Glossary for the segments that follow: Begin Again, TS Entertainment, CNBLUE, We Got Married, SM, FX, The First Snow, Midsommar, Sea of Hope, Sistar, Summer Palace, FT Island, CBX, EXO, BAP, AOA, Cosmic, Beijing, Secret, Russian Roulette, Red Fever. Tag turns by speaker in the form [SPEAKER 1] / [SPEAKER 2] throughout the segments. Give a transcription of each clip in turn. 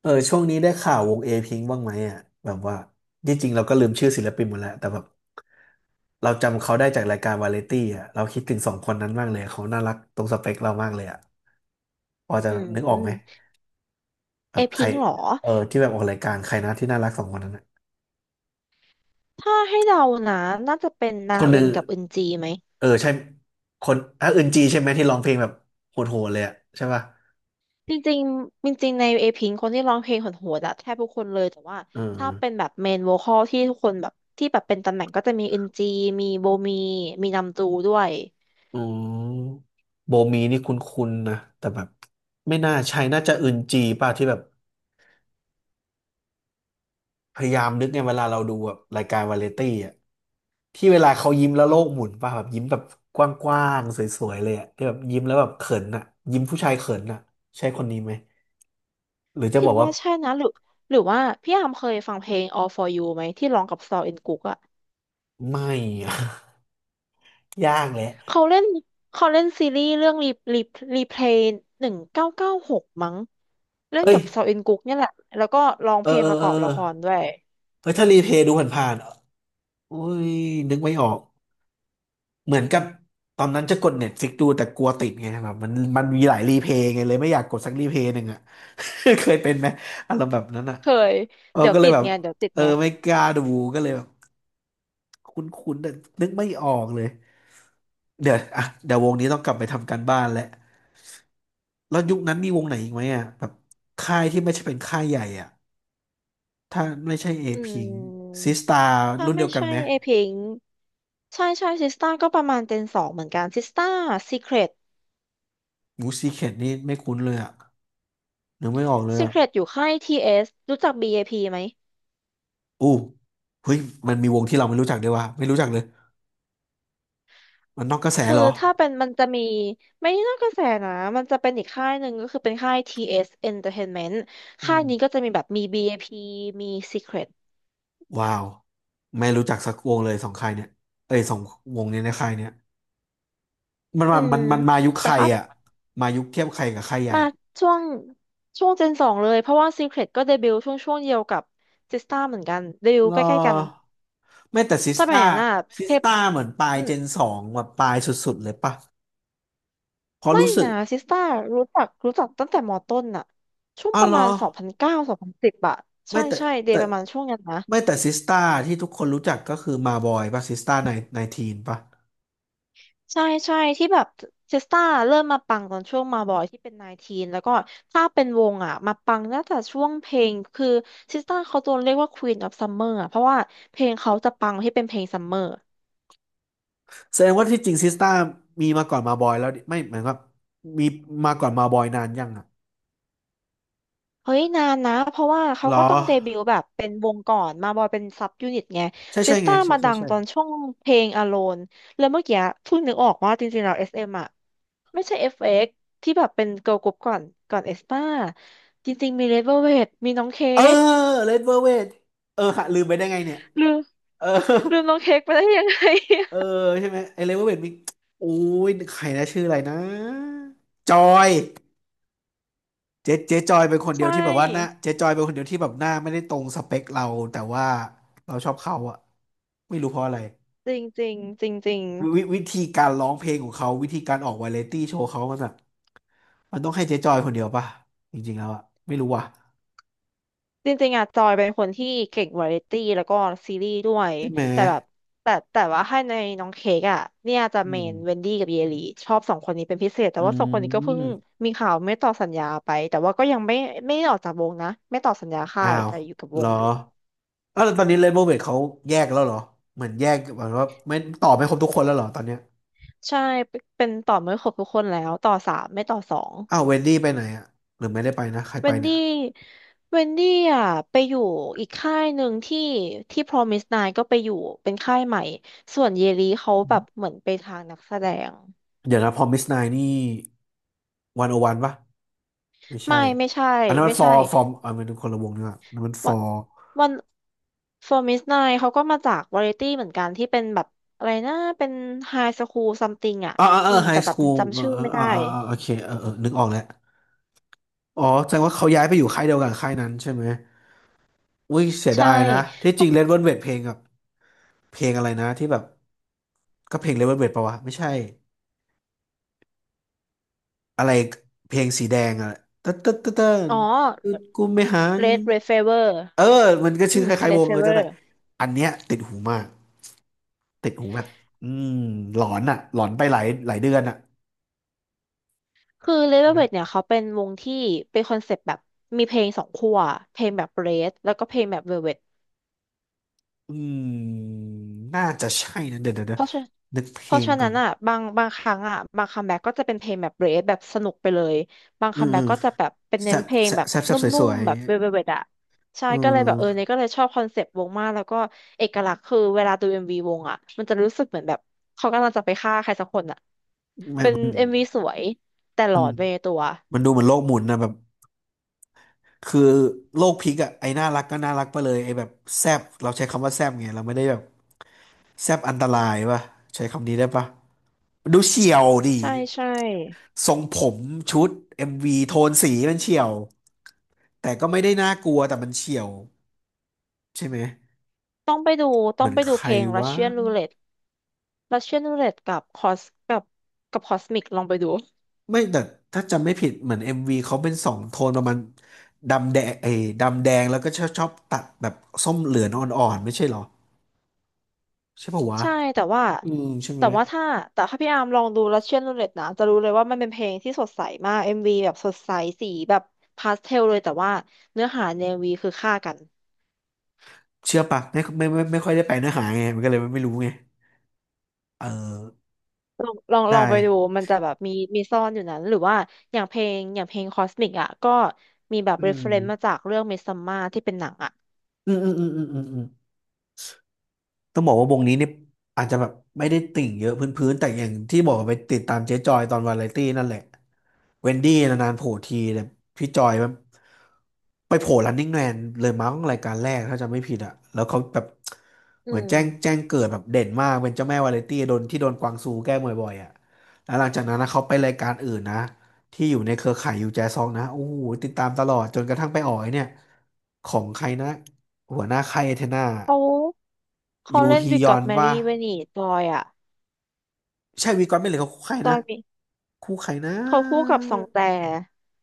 [SPEAKER 1] เออช่วงนี้ได้ข่าววงเอพิงบ้างไหมอ่ะแบบว่าที่จริงเราก็ลืมชื่อศิลปินหมดแล้วแต่แบบเราจำเขาได้จากรายการวาไรตี้อ่ะเราคิดถึงสองคนนั้นมากเลยเขาน่ารักตรงสเปคเรามากเลยอ่ะพอจะ
[SPEAKER 2] อื
[SPEAKER 1] นึกออกไหม
[SPEAKER 2] ม
[SPEAKER 1] แบ
[SPEAKER 2] เอ
[SPEAKER 1] บใค
[SPEAKER 2] พิ
[SPEAKER 1] ร
[SPEAKER 2] งค์เหรอ
[SPEAKER 1] เออที่แบบออกรายการใครนะที่น่ารักสองคนนั้นอะ
[SPEAKER 2] ถ้าให้เดานะน่าจะเป็นนา
[SPEAKER 1] คนห
[SPEAKER 2] อึ
[SPEAKER 1] นึ่ง
[SPEAKER 2] นกับอึนจีไหม
[SPEAKER 1] เออใช่คนอ่ะอึนจีใช่ไหมที่ร้องเพลงแบบโหดๆเลยอ่ะใช่ป่ะ
[SPEAKER 2] จริงๆจริงๆในเอพิงคนที่ร้องเพลงโหดๆอะแทบทุกคนเลยแต่ว่า
[SPEAKER 1] เอ
[SPEAKER 2] ถ้าเป็น
[SPEAKER 1] อ
[SPEAKER 2] แบบเมนโวคอลที่ทุกคนแบบที่แบบเป็นตำแหน่งก็จะมีอึนจีมีโบมีมีนำจูด้วย
[SPEAKER 1] อืมโบมีนี่คุ้นๆนะแต่แบบไม่น่าใช่น่าจะอึนจีป่ะที่แบบ พยายามนึกไงเวลาเราดูแบบรายการวาไรตี้อ่ะที่เวลาเขายิ้มแล้วโลกหมุนป่ะแบบยิ้มแบบกว้างๆสวยๆเลยอ่ะที่แบบยิ้มแล้วแบบเขินอ่ะยิ้มผู้ชายเขินอ่ะใช่คนนี้ไหมหรือจะ
[SPEAKER 2] คิ
[SPEAKER 1] บ
[SPEAKER 2] ด
[SPEAKER 1] อกว่า
[SPEAKER 2] ว่าใช่นะหรือว่าพี่อามเคยฟังเพลง All for You ไหมที่ร้องกับซอลอินกุกอะ
[SPEAKER 1] ไม่อะ ยากแหละ
[SPEAKER 2] เขาเล่นเขาเล่นซีรีส์เรื่องรีรีเพลย์หนึ่งเก้าเก้าหกมั้งเล่น
[SPEAKER 1] เอ้ย
[SPEAKER 2] กับซออินกุ๊กเนี่ยแหละแล้วก็ร้อง
[SPEAKER 1] เอ
[SPEAKER 2] เพ
[SPEAKER 1] อ
[SPEAKER 2] ลง
[SPEAKER 1] เออ
[SPEAKER 2] ประก
[SPEAKER 1] เออ
[SPEAKER 2] อบละครด้วย
[SPEAKER 1] เฮ้ยถ้ารีเพลย์ดูผ่านๆโอ้ยนึกไม่ออก เหมือนกับตอนนั้นจะกดเน็ตฟิกดูแต่กลัวติดไงแบบมันมีหลายรีเพย์ไงเลยไม่อยากกดสักรีเพย์หนึ่งอ่ะ เคยเป็นไหมอารมณ์แบบนั้นอ่ะ
[SPEAKER 2] เคย
[SPEAKER 1] เออ
[SPEAKER 2] เดี๋ยว
[SPEAKER 1] ก็เล
[SPEAKER 2] ติ
[SPEAKER 1] ย
[SPEAKER 2] ด
[SPEAKER 1] แบบ
[SPEAKER 2] ไงเดี๋ยวติด
[SPEAKER 1] เออ
[SPEAKER 2] ไง
[SPEAKER 1] ไม่กล้าดูก็เลยแบบคุ้นๆแต่นึกไม่ออกเลยเดี๋ยวอ่ะเดี๋ยววงนี้ต้องกลับไปทำการบ้านแล้วแล้วยุคนั้นมีวงไหนอีกไหมอ่ะแบบค่ายที่ไม่ใช่เป็นค่ายใหญ่อ่ะถ้าไม่ใช่เอ
[SPEAKER 2] อื
[SPEAKER 1] พิง
[SPEAKER 2] ม
[SPEAKER 1] ซิสตา
[SPEAKER 2] ถ้า
[SPEAKER 1] รุ่นเดี
[SPEAKER 2] ไม่
[SPEAKER 1] ยวกัน
[SPEAKER 2] ใช่
[SPEAKER 1] ไหม
[SPEAKER 2] เอพิงใช่ใช่ซิสต้าก็ประมาณเจนสองเหมือนกันซิสต้าซีเครต
[SPEAKER 1] หมูซีเคทนี่ไม่คุ้นเลยอ่ะนึกไม่ออกเลย
[SPEAKER 2] ซี
[SPEAKER 1] อ่ะ
[SPEAKER 2] เครตอยู่ค่ายทีเอสรู้จักบีเอพีไหม
[SPEAKER 1] อู้เฮ้ยมันมีวงที่เราไม่รู้จักด้วยวะไม่รู้จักเลยมันนอกกระแส
[SPEAKER 2] คือ
[SPEAKER 1] เหรอ
[SPEAKER 2] ถ้าเป็นมันจะมีไม่น่ากระแสนะมันจะเป็นอีกค่ายหนึ่งก็คือเป็นค่าย TS Entertainment
[SPEAKER 1] อื
[SPEAKER 2] ค่าย
[SPEAKER 1] ม
[SPEAKER 2] นี้ก็จะมีแบบมี BAP มี Secret
[SPEAKER 1] ว้าวไม่รู้จักสักวงเลยสองค่ายเนี่ยเอ้ยสองวงนี้ในค่ายเนี่ยมัน
[SPEAKER 2] อื
[SPEAKER 1] มา
[SPEAKER 2] ม
[SPEAKER 1] มันมายุค
[SPEAKER 2] แต่
[SPEAKER 1] ใคร
[SPEAKER 2] ถ้า
[SPEAKER 1] อ่ะมายุคเทียบใครกับค่ายใหญ่
[SPEAKER 2] มา
[SPEAKER 1] อะ
[SPEAKER 2] ช่วงช่วงเจนสองเลยเพราะว่า Secret ก็เดบิวต์ช่วงเดียวกับ Sistar เหมือนกันเดบิว
[SPEAKER 1] ร
[SPEAKER 2] ต์ใกล้ๆกัน
[SPEAKER 1] อไม่แต่ซิส
[SPEAKER 2] สมัย
[SPEAKER 1] ต้า
[SPEAKER 2] นั้นน่ะ
[SPEAKER 1] ซิ
[SPEAKER 2] เพ
[SPEAKER 1] ส
[SPEAKER 2] ป
[SPEAKER 1] ต้าเหมือนปลาย
[SPEAKER 2] อื
[SPEAKER 1] เจ
[SPEAKER 2] ม
[SPEAKER 1] นสองแบบปลายสุดๆเลยปะเพอ
[SPEAKER 2] ไม่
[SPEAKER 1] รู้สึก
[SPEAKER 2] นะ s i s t e r รู้จักตั้งแต่มอต้นน่ะช่วง
[SPEAKER 1] อ้า
[SPEAKER 2] ป
[SPEAKER 1] ว
[SPEAKER 2] ระ
[SPEAKER 1] เหรอ
[SPEAKER 2] มาณสองพันเก้าสองพันสิบอะ
[SPEAKER 1] ไม่
[SPEAKER 2] ใช่
[SPEAKER 1] แต่
[SPEAKER 2] ใช่เด
[SPEAKER 1] แต่
[SPEAKER 2] ย์ประมาณช่วงนั้นนะ
[SPEAKER 1] ไม่แต่ซิสต้าที่ทุกคนรู้จักก็คือมาบอยปะซิสต้าในในทีนปะ
[SPEAKER 2] ใช่ใช่ที่แบบเทสตาเริ่มมาปังตอนช่วงมาบอยที่เป็นนาทีนแล้วก็ถ้าเป็นวงอ่ะมาปังน่าจะช่วงเพลงคือเทสตาเขาโดนเรียกว่า Queen of Summer อ่ะเพราะว่าเพลงเขาจะปังที่เป็นเพลงซัมเมอร์
[SPEAKER 1] แสดงว่าที่จริงซิสต้ามีมาก่อนมาบอยแล้วดิไม่หมายความว่ามีมาก่อนมาบอยนานยังอ่ะ
[SPEAKER 2] เฮ้ยนานนะเพราะว่าเขา
[SPEAKER 1] เหรอ
[SPEAKER 2] ก็ต้องเดบิวต์แบบเป็นวงก่อนมาบอยเป็นซับยูนิตไง
[SPEAKER 1] ใช่
[SPEAKER 2] เท
[SPEAKER 1] ใช่
[SPEAKER 2] ส
[SPEAKER 1] ไง
[SPEAKER 2] ตา
[SPEAKER 1] ใช่
[SPEAKER 2] มา
[SPEAKER 1] ใช่
[SPEAKER 2] ดัง
[SPEAKER 1] ใช่
[SPEAKER 2] ตอนช่วงเพลง Alone แล้วเมื่อกี้เพิ่งนึกออกว่าจริงๆแล้ว s เอมอ่ะไม่ใช่ FX ที่แบบเป็นเกิร์ลกรุ๊ปก่อนก่อนเอสตาจริงๆมีเลเวลเวทมีน้องเค้
[SPEAKER 1] เออ
[SPEAKER 2] ก
[SPEAKER 1] เลดเวอร์เวทเออหะลืมไปได้ไงเนี่ย
[SPEAKER 2] ลืม
[SPEAKER 1] เออ
[SPEAKER 2] ลืมน้องเค้กไปได้ยังไง
[SPEAKER 1] เออใช่ไหมไอเลดเวอร์เวทมีโอ้ยใครนะชื่ออะไรนะจอยเจ๊เจ๊จอยเป็นคน เดีย
[SPEAKER 2] ใช่
[SPEAKER 1] วที่แบบว่าหน้าเจ๊จอยเป็นคนเดียวที่แบบหน้าไม่ได้ตรงสเปคเราแต่ว่าเราชอบเขาอะไม่รู้เพราะอะไร
[SPEAKER 2] จริงจริงจริงจริง
[SPEAKER 1] วิวิธีการร้องเพลงของเขาวิธีการออกวาไรตี้โชว์เขามันแบบมันต้องให้เจ๊จอยคนเดียวป่ะจริงๆแล้วอะไม่รู้ว่ะ
[SPEAKER 2] จริงจริงๆอะจอยเป็นคนที่เก่งวาไรตี้แล้วก็ซีรีส์ด้วย
[SPEAKER 1] ใช่ไหม
[SPEAKER 2] แต่แบบแต่ว่าให้ในน้องเค้กอะเนี่ยจะ
[SPEAKER 1] อื
[SPEAKER 2] เม
[SPEAKER 1] ม
[SPEAKER 2] นเวนดี้กับเยลีชอบสองคนนี้เป็นพิเศษแต่
[SPEAKER 1] อื
[SPEAKER 2] ว่าสองคนนี้ก็เพิ่ง
[SPEAKER 1] ม
[SPEAKER 2] มีข่าวไม่ต่อสัญญาไปแต่ว่าก็ยังไม่ไม่ได้ออกจากวงนะไม่ต่อสัญญาค่า
[SPEAKER 1] อ้า
[SPEAKER 2] ย
[SPEAKER 1] ว
[SPEAKER 2] แต่อยู่กับ
[SPEAKER 1] เห
[SPEAKER 2] ว
[SPEAKER 1] ร
[SPEAKER 2] ง
[SPEAKER 1] อ
[SPEAKER 2] อยู่
[SPEAKER 1] อ้าวแล้วตอนนี้เรนโบว์เวทเขาแยกแล้วเหรอเหมือนแยกเหมือนว่าไม่ต่อไม่ครบทุกคนแล้วเหรอตอนเนี้ย
[SPEAKER 2] ใช่เป็นต่อไม่ครบทุกคนแล้วต่อสามไม่ต่อสอง
[SPEAKER 1] อ้าวเวนดี้ไปไหนอะหรือไม่ได้ไปนะใคร
[SPEAKER 2] เว
[SPEAKER 1] ไป
[SPEAKER 2] น
[SPEAKER 1] เนี่
[SPEAKER 2] ดี้
[SPEAKER 1] ย
[SPEAKER 2] เวนดี้อ่ะไปอยู่อีกค่ายหนึ่งที่ที่ Promise n น n ก็ไปอยู่เป็นค่ายใหม่ ส่วนเยลีเขาแบ
[SPEAKER 1] อื
[SPEAKER 2] บ
[SPEAKER 1] ม
[SPEAKER 2] เหมือนไปทางนักแสดง
[SPEAKER 1] เดี๋ยวนะพอมิสไนนี่วันโอวันปะไม่ใช่
[SPEAKER 2] ไม่ใช่
[SPEAKER 1] อันนั้นมั
[SPEAKER 2] ไม่
[SPEAKER 1] นฟอ
[SPEAKER 2] ใช่
[SPEAKER 1] ร์ฟอร์มอันนั้นมันคนละวงนี่ว่ะอันนั้นมันฟ
[SPEAKER 2] วั
[SPEAKER 1] อ
[SPEAKER 2] น
[SPEAKER 1] ร์
[SPEAKER 2] วัน Promise n น n เขาก็มาจากวาไรตี้เหมือนกันที่เป็นแบบอะไรนะเป็นไฮสคูลซัมติงอ่ะ
[SPEAKER 1] อ่า
[SPEAKER 2] อื
[SPEAKER 1] เอา
[SPEAKER 2] ม
[SPEAKER 1] ไฮ
[SPEAKER 2] แต่
[SPEAKER 1] สคูล
[SPEAKER 2] จำ
[SPEAKER 1] เอ
[SPEAKER 2] จำ
[SPEAKER 1] อ
[SPEAKER 2] ชื่อ
[SPEAKER 1] เออ
[SPEAKER 2] ไม่
[SPEAKER 1] อ่า
[SPEAKER 2] ได้
[SPEAKER 1] อ่าอ่าโอเคเออนึกออกแล้วอ๋อแสดงว่าเขาย้ายไปอยู่ค่ายเดียวกันค่ายนั้นใช่ไหมอุ้ยเสียดา
[SPEAKER 2] ใช่
[SPEAKER 1] ยนะที่
[SPEAKER 2] เพ
[SPEAKER 1] จริ
[SPEAKER 2] ราะ
[SPEAKER 1] งเลดเวลเวทเพลงกับเพลงอะไรนะที่แบบก็เพลงเลดเวลเวทปะวะไม่ใช่อะไรเพลงสีแดงอะตึ๊ดตึ๊ดตึ๊ดตึ๊ด
[SPEAKER 2] อ๋อ
[SPEAKER 1] ตึ๊ดกูไม่หานี่
[SPEAKER 2] Red Fever
[SPEAKER 1] เออมันก็
[SPEAKER 2] อื
[SPEAKER 1] ชื่อค
[SPEAKER 2] ม
[SPEAKER 1] ล้ายๆว
[SPEAKER 2] Red
[SPEAKER 1] งเออจำ
[SPEAKER 2] Fever
[SPEAKER 1] ได้อันเนี้ยติดหูมากติดหูแบบอืมหลอนอะหลอนไปหลายหลายเดือนอะ
[SPEAKER 2] คือเลเวลเวทเนี่ยเขาเป็นวงที่เป็นคอนเซปต์แบบมีเพลงสองขั้วเพลงแบบเรดแล้วก็เพลงแบบเวลเวท
[SPEAKER 1] อืมน่าจะใช่นะเดี๋ยวเดี๋ยวเดี๋
[SPEAKER 2] เพ
[SPEAKER 1] ยว
[SPEAKER 2] ราะฉะ
[SPEAKER 1] นึกเพ
[SPEAKER 2] เพ
[SPEAKER 1] ล
[SPEAKER 2] ราะ
[SPEAKER 1] ง
[SPEAKER 2] ฉะ
[SPEAKER 1] ก่อ
[SPEAKER 2] นั้
[SPEAKER 1] น
[SPEAKER 2] นอ่ะบางครั้งอ่ะบางคัมแบ็กก็จะเป็นเพลงแบบเรดแบบสนุกไปเลยบาง
[SPEAKER 1] อื
[SPEAKER 2] คั
[SPEAKER 1] ม
[SPEAKER 2] มแบ็
[SPEAKER 1] อื
[SPEAKER 2] ก
[SPEAKER 1] ม
[SPEAKER 2] ก็จะแบบเป็น
[SPEAKER 1] แซ
[SPEAKER 2] เน้น
[SPEAKER 1] บ
[SPEAKER 2] เพลง
[SPEAKER 1] แซบ
[SPEAKER 2] แบบ
[SPEAKER 1] แซบแซ
[SPEAKER 2] น
[SPEAKER 1] บ
[SPEAKER 2] ุ่
[SPEAKER 1] สว
[SPEAKER 2] ม
[SPEAKER 1] ย
[SPEAKER 2] ๆแบบเวลเวทอ่ะ
[SPEAKER 1] ๆ
[SPEAKER 2] ใช่
[SPEAKER 1] เอื
[SPEAKER 2] ก็เลยแบบเอ
[SPEAKER 1] ม
[SPEAKER 2] อเนี่ยก็เลยชอบคอนเซปต์วงมากแล้วก็เอกลักษณ์คือเวลาดูเอ็มวีวงอ่ะมันจะรู้สึกเหมือนแบบเขากำลังจะไปฆ่าใครสักคนอ่ะ
[SPEAKER 1] แม่
[SPEAKER 2] เป็น
[SPEAKER 1] มัน
[SPEAKER 2] เอ็มวีสวยแต่หล
[SPEAKER 1] มั
[SPEAKER 2] อ
[SPEAKER 1] น
[SPEAKER 2] ดไปในตัว
[SPEAKER 1] มันดูเหมือนโลกหมุนนะแบบคือโลกพลิกอะไอ้น่ารักก็น่ารักไปเลยไอ้แบบแซบเราใช้คำว่าแซบไงเราไม่ได้แบบแซบอันตรายป่ะใช้คำนี้ได้ป่ะมันดูเฉี่ยวดิ
[SPEAKER 2] ใช่ใช่
[SPEAKER 1] ทรงผมชุดเอ็มวีโทนสีมันเฉี่ยวแต่ก็ไม่ได้น่ากลัวแต่มันเฉี่ยวใช่ไหม
[SPEAKER 2] ต้องไปดู
[SPEAKER 1] เห
[SPEAKER 2] ต้อ
[SPEAKER 1] มื
[SPEAKER 2] ง
[SPEAKER 1] อน
[SPEAKER 2] ไป
[SPEAKER 1] ใค
[SPEAKER 2] ดูเพ
[SPEAKER 1] ร
[SPEAKER 2] ลง
[SPEAKER 1] วะ
[SPEAKER 2] Russian Roulette Russian Roulette กับคอสกับกับ Cosmic ลองไปดู
[SPEAKER 1] ไม่แต่ถ้าจำไม่ผิดเหมือนเอ็มวีเขาเป็นสองโทนประมาณดำแดงเอ้ยดำแดงแล้วก็ชอบตัดแบบส้มเหลืองอ่อนๆไม่ใช่เหรอใช่ปะวะ
[SPEAKER 2] ใช่แต่ว่า
[SPEAKER 1] อืมใช่ไห
[SPEAKER 2] แต่
[SPEAKER 1] ม
[SPEAKER 2] ว่าถ้าแต่ถ้าพี่อาร์มลองดู Russian Roulette นะจะรู้เลยว่ามันเป็นเพลงที่สดใสมาก MV แบบสดใสสีแบบพาสเทลเลยแต่ว่าเนื้อหาใน MV คือฆ่ากัน
[SPEAKER 1] เชื่อปะไม่ไม่ค่อยได้ไปเนื้อหาไงมันก็เลยไม่รู้ไงเออ
[SPEAKER 2] ลองลองลอ
[SPEAKER 1] ได้
[SPEAKER 2] งไปดูมันจะแบบมีซ่อนอยู่นั้นหรือว่าอย่างเพลง Cosmic อสมิกอ่ะก็มีแบบ
[SPEAKER 1] อืม
[SPEAKER 2] reference มาจากเรื่อง Midsommar ที่เป็นหนังอ่ะ
[SPEAKER 1] อืม ต้องบอกว่าวงนี้เนี่ยอาจจะแบบไม่ได้ติ่งเยอะพื้นๆแต่อย่างที่บอกไปติดตามเจ๊จอยตอนวาไรตี้นั่นแหละเวนดี้นานๆโผล่ทีแต่พี่จอยแบบไปโผล่ Running Man เลยมั้งรายการแรกถ้าจำไม่ผิดอะแล้วเขาแบบ
[SPEAKER 2] อื
[SPEAKER 1] เหมือนแจ้งแจ้
[SPEAKER 2] ม
[SPEAKER 1] งเกิดแบบเด่นมากเป็นเจ้าแม่วาไรตี้โดนกวางซูแกล้งบ่อยๆอะแล้วหลังจากนั้นนะเขาไปรายการอื่นนะที่อยู่ในเครือข่ายยูแจซองนะโอ้โหติดตามตลอดจนกระทั่งไปออกไอ้เนี่ยของใครนะหัวหน้าค่ายเอเทนา
[SPEAKER 2] เขาเขา
[SPEAKER 1] ยู
[SPEAKER 2] เล่น
[SPEAKER 1] ฮี
[SPEAKER 2] We
[SPEAKER 1] ยอ
[SPEAKER 2] Got
[SPEAKER 1] นว่า
[SPEAKER 2] Married เวนีบอยอ่ะ
[SPEAKER 1] ใช่วีกอนไม่เหลยเขาคู่ใคร
[SPEAKER 2] ต
[SPEAKER 1] นะ
[SPEAKER 2] อนมี
[SPEAKER 1] คู่ใครนะ
[SPEAKER 2] เขาคู่กับสองแต่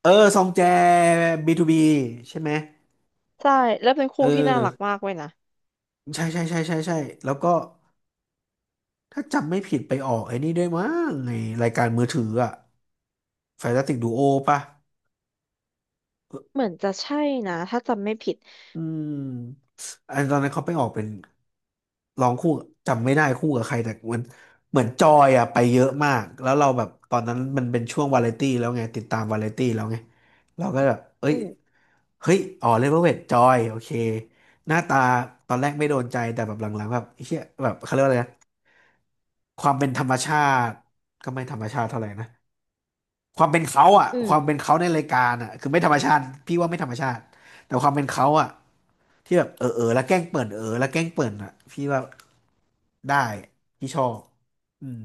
[SPEAKER 1] เออ ซองแจ B2B ใช่ไหม
[SPEAKER 2] ใช่แล้วเป็น
[SPEAKER 1] เออ
[SPEAKER 2] คู่ที่น่ารักมากเว้ยนะ
[SPEAKER 1] ใช่ใช่ใช่ใช่ใช่แล้วก็ถ้าจำไม่ผิดไปออกไอ้นี่ด้วยมั้งในรายการมือถืออะ Fantastic Duo ป่ะอ
[SPEAKER 2] เหมือนจะใช่นะถ้าจำไม่ผิด
[SPEAKER 1] อืมอันตอนนั้นเขาไปออกเป็นร้องคู่จำไม่ได้คู่กับใครแต่มันเหมือนจอยอะไปเยอะมาก แล้วเราแบบตอนนั้นมันเป็นช่วงวาไรตี้แล้วไงติดตามวาไรตี้แล้วไงเราก็แบบเอ้
[SPEAKER 2] อื
[SPEAKER 1] ย
[SPEAKER 2] ม
[SPEAKER 1] เฮ้ยอ๋อเลเวลเวทจอยโอเคหน้าตาตอนแรกไม่โดนใจแต่แบบหลังๆแบบไอ้เหี้ยแบบเขาเรียกว่าอะไรนะความเป็นธรรมชาติก็ไม่ธรรมชาติเท่าไหร่นะความเป็นเขาอ่ะ
[SPEAKER 2] อื
[SPEAKER 1] ความเป็
[SPEAKER 2] ม
[SPEAKER 1] นเขาในรายการอ่ะคือไม่ธรรมชาติพี่ว่าไม่ธรรมชาติแต่ความเป็นเขาอ่ะที่แบบเออเออแล้วแกล้งเปิดเออแล้วแกล้งเปิดอ่ะพี่ว่าได้พี่ชอบอืม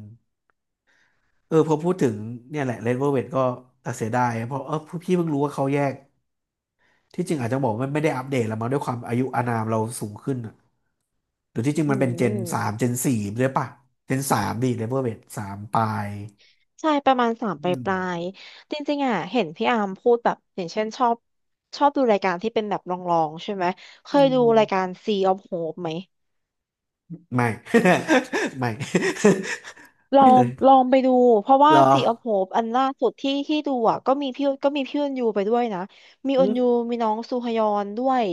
[SPEAKER 1] เออพอพูดถึงเนี่ยแหละเลดเวลเวทก็เสียดายเพราะพี่เพิ่งรู้ว่าเขาแยก ที่จริงอาจจะบอกว่าไม่ได้อัปเดตแล้วมั้งด้วยความอายุอานามเราสูงขึ้นอะหรือที่จริง
[SPEAKER 2] อื
[SPEAKER 1] มันเป็นเจนสาม
[SPEAKER 2] ม
[SPEAKER 1] เจนสี่ด้วยป่ะเจนสามดิเลเวอร์เบสสามปลาย
[SPEAKER 2] ใช่ประมาณสาม
[SPEAKER 1] อื
[SPEAKER 2] ปลาย
[SPEAKER 1] ม
[SPEAKER 2] ปลายจริงๆอ่ะเห็นพี่อาร์มพูดแบบอย่างเช่นชอบดูรายการที่เป็นแบบลองๆใช่ไหมเค
[SPEAKER 1] อื
[SPEAKER 2] ยดูรายกา
[SPEAKER 1] ม
[SPEAKER 2] ร Sea of Hope ไหม
[SPEAKER 1] ไม่ ไม่
[SPEAKER 2] ล อ
[SPEAKER 1] ไม่เล
[SPEAKER 2] ง
[SPEAKER 1] ย
[SPEAKER 2] ลองไปดูเพราะว่า
[SPEAKER 1] เหรอ
[SPEAKER 2] Sea of Hope อันล่าสุดที่ดูอ่ะก็มีพี่อุนยูไปด้วยนะมี
[SPEAKER 1] อื
[SPEAKER 2] อุนยู
[SPEAKER 1] ม
[SPEAKER 2] มีน้องซูฮยอนด้วย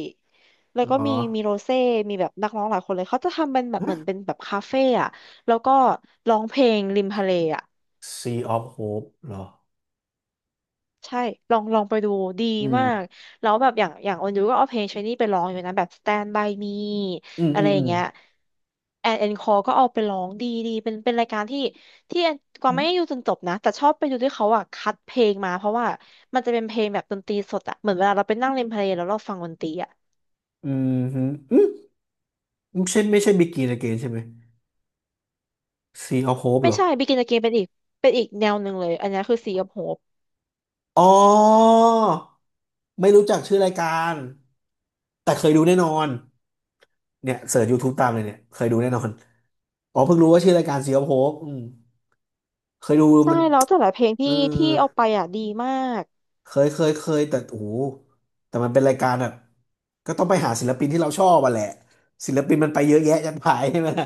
[SPEAKER 2] แล้วก็
[SPEAKER 1] อ๋อ
[SPEAKER 2] มีโรเซ่มีแบบนักร้องหลายคนเลยเขาจะทำเป็นแบบเหมือนเป็นแบบคาเฟ่อะแล้วก็ร้องเพลงริมทะเลอะ
[SPEAKER 1] Sea of Hope เหรอ
[SPEAKER 2] ใช่ลองลองไปดูดี
[SPEAKER 1] อื
[SPEAKER 2] มาก
[SPEAKER 1] ม
[SPEAKER 2] แล้วแบบอย่างออนยูก็เอาเพลงชนี่ไปร้องอยู่นะแบบ Stand by me
[SPEAKER 1] อืม
[SPEAKER 2] อะ
[SPEAKER 1] อื
[SPEAKER 2] ไร
[SPEAKER 1] ม
[SPEAKER 2] อ
[SPEAKER 1] อื
[SPEAKER 2] ย่าง
[SPEAKER 1] ม
[SPEAKER 2] เงี้ยแอนคอก็เอาไปร้องดีดีเป็นรายการที่แอนกวางไม่ได้ดูจนจบนะแต่ชอบไปดูที่เขาอ่ะคัดเพลงมาเพราะว่ามันจะเป็นเพลงแบบดนตรีสดอ่ะเหมือนเวลาเราไปนั่งเล่นเพลงแล้วเราฟังดนตรีอ่ะ
[SPEAKER 1] อืมอืมฮึอืมไม่ใช่ Begin Again ใช่ไหม Sea of Hope
[SPEAKER 2] ไม่
[SPEAKER 1] เหรอ
[SPEAKER 2] ใช่ Begin Again เป็นอีกแนวหนึ่งเลยอันนี้คือ Sea of Hope
[SPEAKER 1] อ๋อไม่รู้จักชื่อรายการแต่เคยดูแน่นอน เนี่ยเสิร์ช YouTube ตามเลยเนี่ยเคยดูแน่นอนอ๋อเพิ่งรู้ว่าชื่อรายการซีออฟโฮปอืมเคยดู
[SPEAKER 2] ใช่
[SPEAKER 1] มัน
[SPEAKER 2] แล้วแต่ละเพลง
[SPEAKER 1] เอ
[SPEAKER 2] ที่
[SPEAKER 1] อ
[SPEAKER 2] ที่เอาไปอ่ะดีมาก
[SPEAKER 1] เคยแต่โอ้โหแต่มันเป็นรายการแบบก็ต้องไปหาศิลปินที่เราชอบอ่ะแหละศิลปินมันไปเยอะแยะจัดไปใช่ไหมล่ะ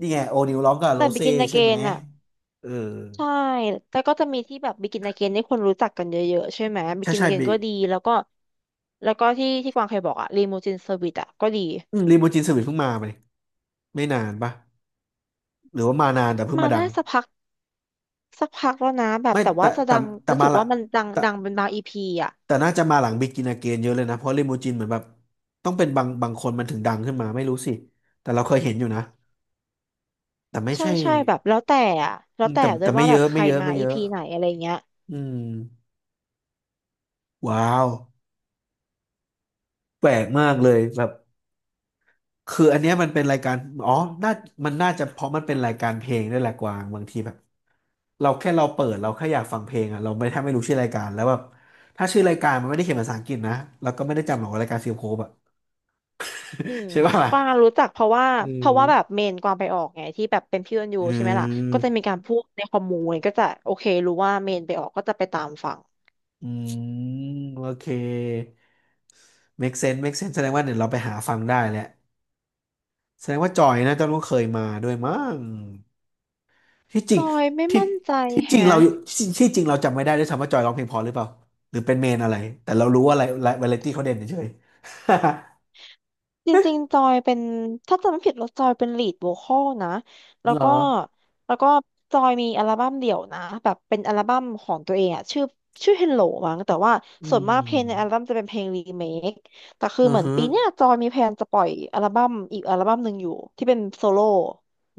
[SPEAKER 1] นี่ไงโอนิวร้องกับโร
[SPEAKER 2] แต่
[SPEAKER 1] เซ่
[SPEAKER 2] Begin
[SPEAKER 1] ใช่ไหม
[SPEAKER 2] Again อ่ะ
[SPEAKER 1] เออ
[SPEAKER 2] ใช่แล้วก็จะมีที่แบบบิกินอาเกนที่คนรู้จักกันเยอะๆใช่ไหมบิ
[SPEAKER 1] ใช่
[SPEAKER 2] กิน
[SPEAKER 1] ใช่
[SPEAKER 2] อาเกน
[SPEAKER 1] บี
[SPEAKER 2] ก็ดีแล้วก็ที่กวางเคยบอกอะรีมูจินเซอร์วิสอะก็ดี
[SPEAKER 1] รีโมจินสวิตเพิ่งมาไหมไม่นานปะหรือว่ามานานแต่เพิ่ง
[SPEAKER 2] มา
[SPEAKER 1] มาดัง
[SPEAKER 2] ได้สักพักสักพักแล้วนะแบบ
[SPEAKER 1] ไม่
[SPEAKER 2] แต่ว่า
[SPEAKER 1] แต่
[SPEAKER 2] จะดั
[SPEAKER 1] แต่
[SPEAKER 2] ง
[SPEAKER 1] แต่
[SPEAKER 2] รู้สึ
[SPEAKER 1] มา
[SPEAKER 2] ก
[SPEAKER 1] ละ
[SPEAKER 2] ว่ามันดังเป็นบางอีพีอะ
[SPEAKER 1] แต่น่าจะมาหลังบ e กิน a เก i เยอะเลยนะเพราะลิมูจินเหมือนแบบต้องเป็นบางคนมันถึงดังขึ้นมาไม่รู้สิแต่เราเคยเห็นอยู่นะแต่ไม่
[SPEAKER 2] ใช่
[SPEAKER 1] ใช่
[SPEAKER 2] ใช่แบบแล้วแต่อะแล้
[SPEAKER 1] อื
[SPEAKER 2] ว
[SPEAKER 1] ม
[SPEAKER 2] แต่
[SPEAKER 1] แต่
[SPEAKER 2] ด้ว
[SPEAKER 1] แต่
[SPEAKER 2] ย
[SPEAKER 1] ไม่
[SPEAKER 2] ว่า
[SPEAKER 1] เย
[SPEAKER 2] แบบ
[SPEAKER 1] อะ
[SPEAKER 2] ใค
[SPEAKER 1] ไม่
[SPEAKER 2] ร
[SPEAKER 1] เยอะ
[SPEAKER 2] มา
[SPEAKER 1] ไม่
[SPEAKER 2] อี
[SPEAKER 1] เยอะ
[SPEAKER 2] พีไหนอะไรเงี้ย
[SPEAKER 1] อืมว้าวแปลกมากเลยแบบคืออันเนี้ยมันเป็นรายการอ๋อน่ามันน่าจะเพราะมันเป็นรายการเพลงด้วยแหละกวางบางทีแบบเราแค่อยากฟังเพลงอ่ะเราไม่แทบไม่รู้ชื่อรายการแล้วแบบถ้าชื่อรายการมันไม่ได้เขียนภาษาอังกฤษนะเราก็ไม่ได้จำหรอกว่ารายการฟิลโคบอ่ะ
[SPEAKER 2] อืม
[SPEAKER 1] ใช่ป่ะล่ะ
[SPEAKER 2] กวางรู้จักเพราะว่า
[SPEAKER 1] อื
[SPEAKER 2] เพราะว่าแบบ
[SPEAKER 1] ม
[SPEAKER 2] เมนกวางไปออกไงที่แบบเป็นพี่ออนยู
[SPEAKER 1] อื
[SPEAKER 2] ใช่ไหมล่ะก็จะมี
[SPEAKER 1] ม
[SPEAKER 2] การพูดในคอมมูนก็จะโอเครู้ว่าเมนไปออกก็จะไปตามฟัง
[SPEAKER 1] อืมโอเค make sense make sense แสดงว่าเดี๋ยวเราไปหาฟังได้แหละแสดงว่าจอยนะเจ้ารู้เคยมาด้วยมั้งที่จ
[SPEAKER 2] จ
[SPEAKER 1] ริง
[SPEAKER 2] อยไม่
[SPEAKER 1] ที่
[SPEAKER 2] มั่นใจ
[SPEAKER 1] ที่จริง
[SPEAKER 2] แฮะ
[SPEAKER 1] เราทีที่จริงเราจำไม่ได้ด้วยซ้ำว่าจอยร้องเพลงเพอหรือเปล่าหรือเป็นเมนอะไรแต่เรารู้ว่าอะไรวาไรตี้เขาเด่นเฉย
[SPEAKER 2] จริงๆจอยเป็นถ้าจำไม่ผิดแล้วจอยเป็นลีดโวคอลนะ
[SPEAKER 1] ๆ
[SPEAKER 2] แล้
[SPEAKER 1] เห
[SPEAKER 2] ว
[SPEAKER 1] รอ
[SPEAKER 2] ก็แล้วก็จอยมีอัลบั้มเดี่ยวนะแบบเป็นอัลบั้มของตัวเองอะชื่อ Hello มั้งแต่ว่า
[SPEAKER 1] อื
[SPEAKER 2] ส่วนมากเพลงในอัล
[SPEAKER 1] ม
[SPEAKER 2] บั้มจะเป็นเพลงรีเมคแต่คือ
[SPEAKER 1] อือ
[SPEAKER 2] เหมือน
[SPEAKER 1] ฮึ
[SPEAKER 2] ปีเนี้ยจอยมีแพลนจะปล่อยอัลบั้มอีกอัลบั้มหนึ่งอยู่ที่เป็นโซโล่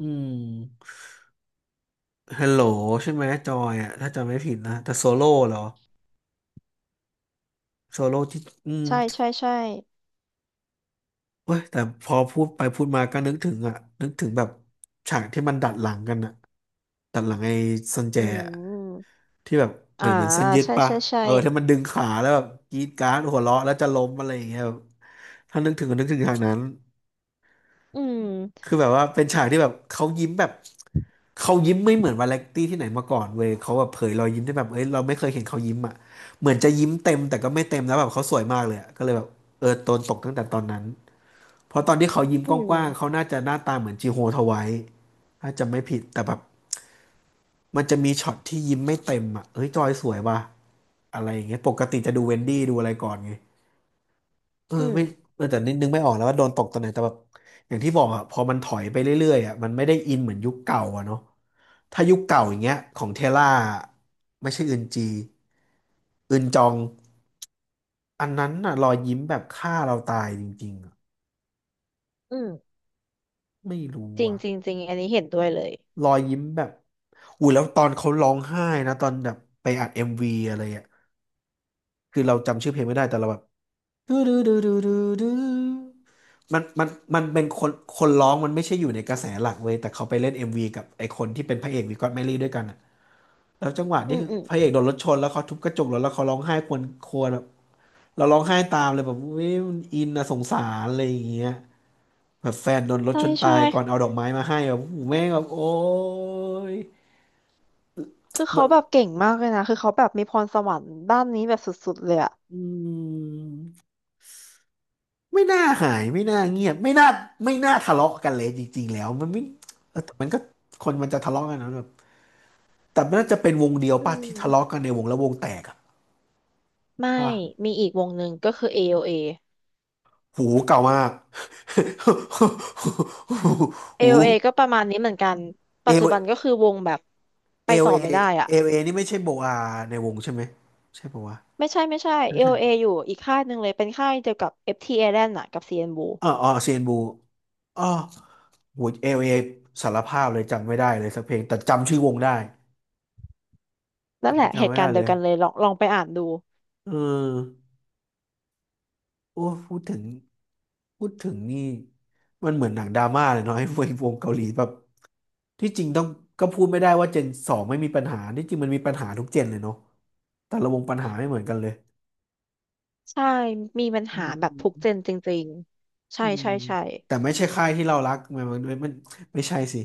[SPEAKER 1] อืมฮัลโหลใช่ไหมจอยอ่ะถ้าจำไม่ผิดนะแต่โซโล่เหรอโซโล่ที่อืม
[SPEAKER 2] ใช่ใช่ใช่
[SPEAKER 1] เว้ยแต่พอพูดไปพูดมาก็นึกถึงอะนึกถึงแบบฉากที่มันดัดหลังกันอะดัดหลังไอ้ซันแจ
[SPEAKER 2] อื
[SPEAKER 1] อะ
[SPEAKER 2] ม
[SPEAKER 1] ที่แบบเห
[SPEAKER 2] อ่า
[SPEAKER 1] มือนเหมือนเส้นยึด
[SPEAKER 2] ใช่
[SPEAKER 1] ปะ
[SPEAKER 2] ใช่ใช่
[SPEAKER 1] เออที่มันดึงขาแล้วแบบกรีดกราร์ดหัวเราะแล้วจะล้มอะไรอย่างเงี้ยแบบถ้านึกถึงก็นึกถึงฉากนั้น
[SPEAKER 2] อืม
[SPEAKER 1] คือแบบว่าเป็นฉากที่แบบเขายิ้มแบบเขายิ้มไม่เหมือนวาเลนตี้ที่ไหนมาก่อนเว้ยเขาแบบเผยรอยยิ้มได้แบบเอ้ยเราไม่เคยเห็นเขายิ้มอะเหมือนจะยิ้มเต็มแต่ก็ไม่เต็มแล้วแบบเขาสวยมากเลยอะก็เลยแบบเออโดนตกตั้งแต่ตอนนั้น เพราะตอนที่เขายิ้ม
[SPEAKER 2] อื
[SPEAKER 1] กว้างๆเขา
[SPEAKER 2] ม
[SPEAKER 1] น่าจะหน้าตาเหมือนจีโฮทไว้ถ้าจำไม่ผิดแต่แบบมันจะมีช็อตที่ยิ้มไม่เต็มอ่ะเฮ้ยจอยสวยว่ะอะไรอย่างเงี้ยปกติจะดูเวนดี้ดูอะไรก่อนไงเออ
[SPEAKER 2] อืม
[SPEAKER 1] ไม่แต่นิดนึงไม่ออกแล้วว่าโดนตกตอนไหนแต่แบบอย่างที่บอกอ่ะพอมันถอยไปเรื่อยๆอ่ะมันไม่ได้อินเหมือนยุคเก่าอ่ะเนาะถ้ายุคเก่าอย่างเงี้ยของเทล่าไม่ใช่อึนจีอึนจองอันนั้นน่ะรอยยิ้มแบบฆ่าเราตายจริงๆอะ
[SPEAKER 2] อืม
[SPEAKER 1] ไม่รู้
[SPEAKER 2] จริง
[SPEAKER 1] อ่ะ
[SPEAKER 2] จริงจริงอันนี้เห็นด้วยเลย
[SPEAKER 1] รอยยิ้มแบบอุ้ยแล้วตอนเขาร้องไห้นะตอนแบบไปอัดเอ็มวีอะไรอ่ะคือเราจำชื่อเพลงไม่ได้แต่เราแบบดูดูดูดูดูดูมันมันเป็นคนร้องมันไม่ใช่อยู่ในกระแสหลักเว้ยแต่เขาไปเล่นเอ็มวีกับไอคนที่เป็นพระเอกวีก็อตแมรี่ด้วยกันอ่ะแล้วจังหวะ
[SPEAKER 2] อื
[SPEAKER 1] ที่
[SPEAKER 2] ม
[SPEAKER 1] คือ
[SPEAKER 2] อืม
[SPEAKER 1] พระเอกโดนรถชนแล้วเขาทุบกระจกรถแล้วเขาร้องไห้ครวญครวญแบบเราร้องไห้ตามเลยแบบเว้ยมันอินนะสงสารอะไรอย่างเงี้ยแบบแฟนโดนรถ
[SPEAKER 2] ใช่
[SPEAKER 1] ชนตา
[SPEAKER 2] ใช่
[SPEAKER 1] ยก่อนเอาดอกไม้มาให้แบบโอ้โหแม่งแบบโอ้ย
[SPEAKER 2] คือเขาแบบเก่งมากเลยนะ คือเขาแบบมีพรสวรรค์ด้านนี้แบบสุดๆเลยอะ
[SPEAKER 1] อืมไม่น่าหายไม่น่าเงียบไม่น่าไม่น่าทะเลาะกันเลยจริงๆแล้วมันไม่เออแต่มันก็คนมันจะทะเลาะกันนะแบบแต่มันน่าจะเป็นวงเดียว
[SPEAKER 2] อื
[SPEAKER 1] ป่ะที่ทะเลาะ
[SPEAKER 2] ม
[SPEAKER 1] กันในวงแล้ววงแตกอะ
[SPEAKER 2] ไม่
[SPEAKER 1] ป่ะ
[SPEAKER 2] มีอีกวงหนึ่งก็คือ AOA
[SPEAKER 1] หูเก่ามาก หู
[SPEAKER 2] AOA ก็ประมาณนี้เหมือนกัน
[SPEAKER 1] เอ
[SPEAKER 2] ปัจจุ
[SPEAKER 1] ล
[SPEAKER 2] บันก็คือวงแบบ
[SPEAKER 1] เอ
[SPEAKER 2] ไป
[SPEAKER 1] ล
[SPEAKER 2] ต่อ
[SPEAKER 1] เอ
[SPEAKER 2] ไม่ได้อะ
[SPEAKER 1] เอลเอนี่ไม่ใช่โบอาในวงใช่ไหมใช่ปะวะ
[SPEAKER 2] ไม่ใช่ไม่ใช่
[SPEAKER 1] ไม่ใช่
[SPEAKER 2] AOA อโอเออยู่อีกค่ายหนึ่งเลย เป็นค่ายเดียวกับ FT Island อะกับ CNBLUE น Blue
[SPEAKER 1] อ๋ออ๋อเซียนบูอ๋อหูเอลเอสารภาพเลยจำไม่ได้เลยสักเพลงแต่จำชื่อวงได้
[SPEAKER 2] นั่
[SPEAKER 1] อั
[SPEAKER 2] น
[SPEAKER 1] น
[SPEAKER 2] แห
[SPEAKER 1] นี้
[SPEAKER 2] ละเห
[SPEAKER 1] จำไม่
[SPEAKER 2] ตุกา
[SPEAKER 1] ได้
[SPEAKER 2] รณ์เดี
[SPEAKER 1] เล
[SPEAKER 2] ยว
[SPEAKER 1] ย
[SPEAKER 2] กันเลยลองลองไปอ่านดู
[SPEAKER 1] เออโอ้พูดถึงพูดถึงนี่ มันเหมือนหนังดราม่าเลยเนาะไอ้วงเกาหลีแบบที่จริงต้องก็พูดไม่ได้ว่าเจนสองไม่มีปัญหา ที่จริงมันมีปัญหาทุกเจนเลยเนาะแต่ละวงปัญหาไม่เหมือนกันเลย
[SPEAKER 2] ใช่มีปัญ
[SPEAKER 1] อื
[SPEAKER 2] หาแบบทุกเจน
[SPEAKER 1] ม
[SPEAKER 2] จริงๆ
[SPEAKER 1] อื
[SPEAKER 2] ใช่
[SPEAKER 1] ม
[SPEAKER 2] ใช่ใช่
[SPEAKER 1] แต่ไม่ใช่ค่ายที่เรารักมันไม่ใช่สิ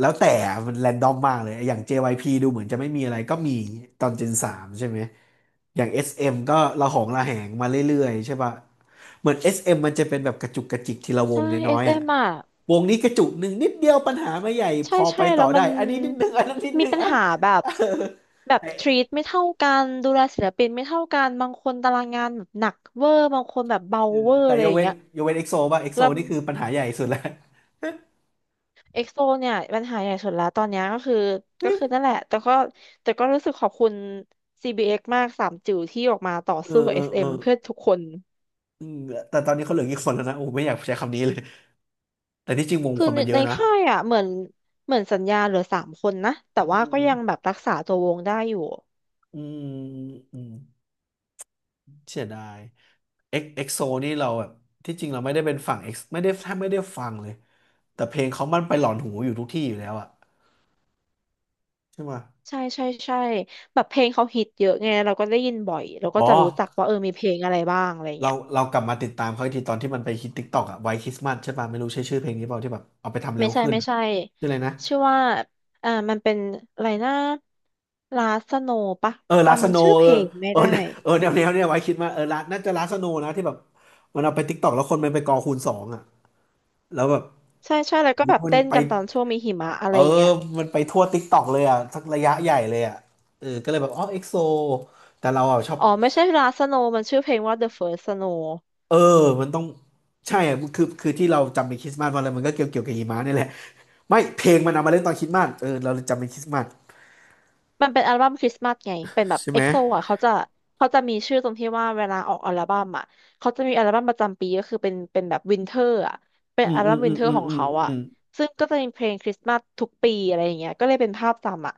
[SPEAKER 1] แล้วแต่มันแรนดอมมากเลยอย่าง JYP ดูเหมือนจะไม่มีอะไรก็มีตอน Gen 3ใช่ไหมอย่าง SM ก็ระหองระแหงมาเรื่อยๆใช่ป่ะเหมือน SM มมันจะเป็นแบบกระจุกกระจิกทีละวง
[SPEAKER 2] ใช่เอ
[SPEAKER 1] น้อย
[SPEAKER 2] ส
[SPEAKER 1] ๆ
[SPEAKER 2] เอ
[SPEAKER 1] อ่ะ
[SPEAKER 2] มอ่ะ
[SPEAKER 1] วงนี้กระจุกหนึ่งนิดเดียวปัญหาไม่ใหญ่พ
[SPEAKER 2] ใช่
[SPEAKER 1] อไป
[SPEAKER 2] ใช่แล้
[SPEAKER 1] ต่อ
[SPEAKER 2] วมั
[SPEAKER 1] ได้
[SPEAKER 2] น
[SPEAKER 1] อันนี้นิดหนึ่ง อันนั้นนิดห
[SPEAKER 2] มี
[SPEAKER 1] นึ่ง
[SPEAKER 2] ปัญ
[SPEAKER 1] อัน
[SPEAKER 2] หาแบบแบบ
[SPEAKER 1] เออ
[SPEAKER 2] ทรี
[SPEAKER 1] แต่
[SPEAKER 2] ตไม่เท่ากันดูแลศิลปินไม่เท่ากันบางคนตารางงานแบบหนักเวอร์บางคนแบบเบา
[SPEAKER 1] เออ
[SPEAKER 2] เวอร์
[SPEAKER 1] แต่
[SPEAKER 2] อะไรอย่างเงี้ย
[SPEAKER 1] ยกเว้นเอ็กโซป่ะเอ็กโซ
[SPEAKER 2] แล้ว
[SPEAKER 1] นี่คือปัญหาใหญ่สุดแล้ว
[SPEAKER 2] เอ็กโซเนี่ยปัญหาใหญ่สุดแล้วตอนเนี้ยก็คือก็คือนั่น แหละแต่ก็รู้สึกขอบคุณ CBX มากสามจิ๋วที่ออกมาต่อ
[SPEAKER 1] เอ
[SPEAKER 2] สู้
[SPEAKER 1] อ
[SPEAKER 2] กับ
[SPEAKER 1] เออเออ
[SPEAKER 2] SM เอ็มเพื่อทุกคน
[SPEAKER 1] อืมแต่ตอนนี้เขาเหลือกี่คนแล้วนะโอ้ไม่อยากใช้คำนี้เลยแต่ที่จริงวง
[SPEAKER 2] คื
[SPEAKER 1] ค
[SPEAKER 2] อ
[SPEAKER 1] น
[SPEAKER 2] ใน
[SPEAKER 1] มันเย
[SPEAKER 2] ใน
[SPEAKER 1] อะนะ
[SPEAKER 2] ค่ายอ่ะเหมือนสัญญาเหลือสามคนนะแต่
[SPEAKER 1] อื
[SPEAKER 2] ว่าก็
[SPEAKER 1] ม
[SPEAKER 2] ยังแบบรักษาตัววงได้อยู่
[SPEAKER 1] อืมอืมเสียดายเอ็กโซนี่เราแบบที่จริงเราไม่ได้เป็นฝั่งเอ็กไม่ได้แทบไม่ได้ฟังเลยแต่เพลงเขามันไปหลอนหูอยู่ทุกที่อยู่แล้วอะใช่ไหม
[SPEAKER 2] ใช่ใช่ใช่แบบเพลงเขาฮิตเยอะไงเราก็ได้ยินบ่อยเราก็
[SPEAKER 1] อ๋อ
[SPEAKER 2] จะรู้จักว่าเออมีเพลงอะไรบ้างอะไร
[SPEAKER 1] เรา
[SPEAKER 2] เงี้ย
[SPEAKER 1] เรากลับมาติดตามเขาอีกทีตอนที่มันไปฮิต t ิ k กต k อกอะไวท์คริสต์มาสใช่ป่ะไม่รู้ใช่ชื่อเพลงนี้เปล่าที่แบบเอาไปทำเร็
[SPEAKER 2] ไม่
[SPEAKER 1] ว
[SPEAKER 2] ใช่
[SPEAKER 1] ขึ้น
[SPEAKER 2] ไม่
[SPEAKER 1] อะ
[SPEAKER 2] ใช่
[SPEAKER 1] ชื่ออะไรนะ
[SPEAKER 2] ชื่อว่าเอ่ามันเป็นอะไรนะลาสโนปะ
[SPEAKER 1] เออลาสโน
[SPEAKER 2] จำชื่อเพ
[SPEAKER 1] เออ
[SPEAKER 2] ลงไม่
[SPEAKER 1] เออ
[SPEAKER 2] ได้
[SPEAKER 1] เนี่ยเออแนวเนี่ยไว้คริสต์มาสเออลาน่าจะลาสโนนะที่แบบมันเอาไปติ k กต k อกแล้วคนมันไปกอคูณสองอะแล้วแบบ
[SPEAKER 2] ใช่ใช่แล้ว
[SPEAKER 1] โอ้
[SPEAKER 2] ก็
[SPEAKER 1] โห
[SPEAKER 2] แบบ
[SPEAKER 1] มัน
[SPEAKER 2] เต้น
[SPEAKER 1] ไป
[SPEAKER 2] กันตอนช่วงมีหิมะอะ
[SPEAKER 1] เอ
[SPEAKER 2] ไร
[SPEAKER 1] อ
[SPEAKER 2] เงี้ย
[SPEAKER 1] มันไปทั่วติ๊กต็อกเลยอ่ะสักระยะใหญ่เลยอ่ะเออก็เลยแบบอ๋อเอ็กโซแต่เราอ่ะชอบ
[SPEAKER 2] อ๋อไม่ใช่ลาสโนมันชื่อเพลงว่า The First Snow
[SPEAKER 1] เออมันต้องใช่อ่ะคือที่เราจำเป็นคริสต์มาสมาเลยมันก็เกี่ยวกับหิมะนี่แหละไม่เพลงมันเอามาเล่นตอนคริสต์มาสเออเราเลยจำเป็นคริสต์มาส
[SPEAKER 2] มันเป็นอัลบั้มคริสต์มาสไงเป็นแบบ
[SPEAKER 1] ใช่
[SPEAKER 2] เอ็
[SPEAKER 1] ไหม
[SPEAKER 2] กโซอ่ะเขาจะมีชื่อตรงที่ว่าเวลาออกอัลบั้มอ่ะเขาจะมีอัลบั้มประจำปีก็คือเป็นแบบวินเทอร์อ่ะเป็น
[SPEAKER 1] อืม
[SPEAKER 2] อัล
[SPEAKER 1] อืม
[SPEAKER 2] บั้ม
[SPEAKER 1] อื
[SPEAKER 2] วิน
[SPEAKER 1] ม
[SPEAKER 2] เทอ
[SPEAKER 1] อื
[SPEAKER 2] ร์
[SPEAKER 1] ม
[SPEAKER 2] ของ
[SPEAKER 1] อืม
[SPEAKER 2] เขาอ่ะ
[SPEAKER 1] อืม
[SPEAKER 2] ซึ่งก็จะมีเพลงคริสต์มาสทุกปีอะไรอย่างเงี้ยก็เลยเป็นภาพจำอ่ะ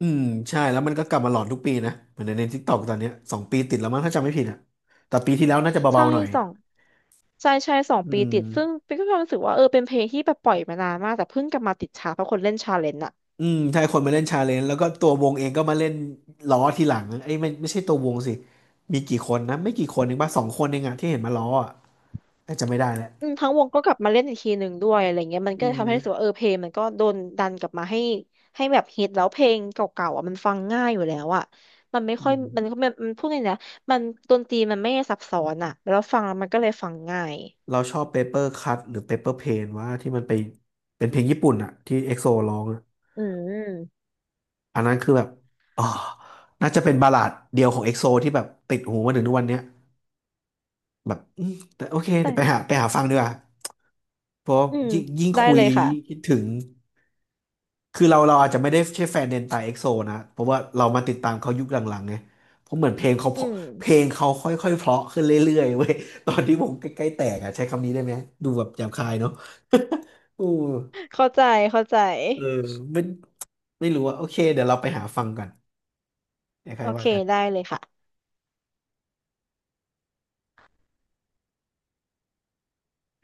[SPEAKER 1] อืมใช่แล้วมันก็กลับมาหลอนทุกปีนะเหมือนในทิกตอกตอนเนี้ยสองปีติดแล้วมั้งถ้าจำไม่ผิดอ่ะแต่ปีที่แล้วน่าจะ
[SPEAKER 2] ใช่
[SPEAKER 1] เบาๆหน่อย
[SPEAKER 2] สองใช่ใช่สอง
[SPEAKER 1] อื
[SPEAKER 2] ปี
[SPEAKER 1] ม
[SPEAKER 2] ติดซึ่งเป็นก็ความรู้สึกว่าเออเป็นเพลงที่แบบปล่อยมานานมากแต่เพิ่งกลับมาติดชาร์ตเพราะคนเล่นชาเลนจ์อ่ะ
[SPEAKER 1] อืมใช่คนมาเล่นชาเลนจ์แล้วก็ตัววงเองก็มาเล่นล้อทีหลังไอ้ยไม่ไม่ใช่ตัววงสิมีกี่คนนะไม่กี่คนเองป่ะสองคนเองอะที่เห็นมาล้ออะแต่จะไม่ได้แล้ว
[SPEAKER 2] อืมทั้งวงก็กลับมาเล่นอีกทีหนึ่งด้วยอะไรเงี้ยมัน
[SPEAKER 1] อื
[SPEAKER 2] ก็ทำให้รู้สึกว่า
[SPEAKER 1] ม
[SPEAKER 2] เออเพลงมันก็โดนดันกลับมาให้แบบฮิตแล้วเพลงเก่าๆอ่ะมันฟังง่ายอยู่แล้วอ่ะมันไม่
[SPEAKER 1] อื
[SPEAKER 2] ค่อยมัน
[SPEAKER 1] ม
[SPEAKER 2] ก็มันมันพูดเลยนะมันดนตรีมันไม่ซับซ้อนอ่ะแล้วฟังแล้วมันก็เลยฟังง่าย
[SPEAKER 1] เราชอบเปเปอร์คัทหรือเปเปอร์เพนว่าที่มันไปเป็นเพลงญี่ปุ่นอะที่เอ็กโซร้องอะ
[SPEAKER 2] อืม
[SPEAKER 1] อันนั้นคือแบบอ๋อน่าจะเป็นบัลลาดเดียวของเอ็กโซที่แบบติดหูมาถึงทุกวันเนี้ยแบบอืมแต่โอเคเดี๋ยวไป
[SPEAKER 2] แต่
[SPEAKER 1] หาฟังดีกว่าเพราะ
[SPEAKER 2] อืม
[SPEAKER 1] ยิ่ง
[SPEAKER 2] ได้
[SPEAKER 1] คุ
[SPEAKER 2] เล
[SPEAKER 1] ย
[SPEAKER 2] ยค่ะ
[SPEAKER 1] ยิ่งคิดถึง คือเราอาจจะไม่ได้ใช่แฟนเดนไตเอ็กโซนะเพราะว่าเรามาติดตามเขายุคหลังๆไงเพราะเหมือนเพลงเขาเพ
[SPEAKER 2] อื
[SPEAKER 1] ราะ
[SPEAKER 2] ม
[SPEAKER 1] เพลงเขาค่อยๆเพราะขึ้นเรื่อยๆเว้ย ตอนที่ผมใกล้ๆแตกอ่ะใช้คำนี้ได้ไหมดูแบบหยาบคายเนาะ อู้
[SPEAKER 2] เข้าใจเข้าใจ
[SPEAKER 1] เออไม่ไม่รู้ว่าโอเคเดี๋ยวเราไปหาฟังกันเดี๋ยวใคร
[SPEAKER 2] โอเค
[SPEAKER 1] ว่ากัน
[SPEAKER 2] ได้เลยค่ะ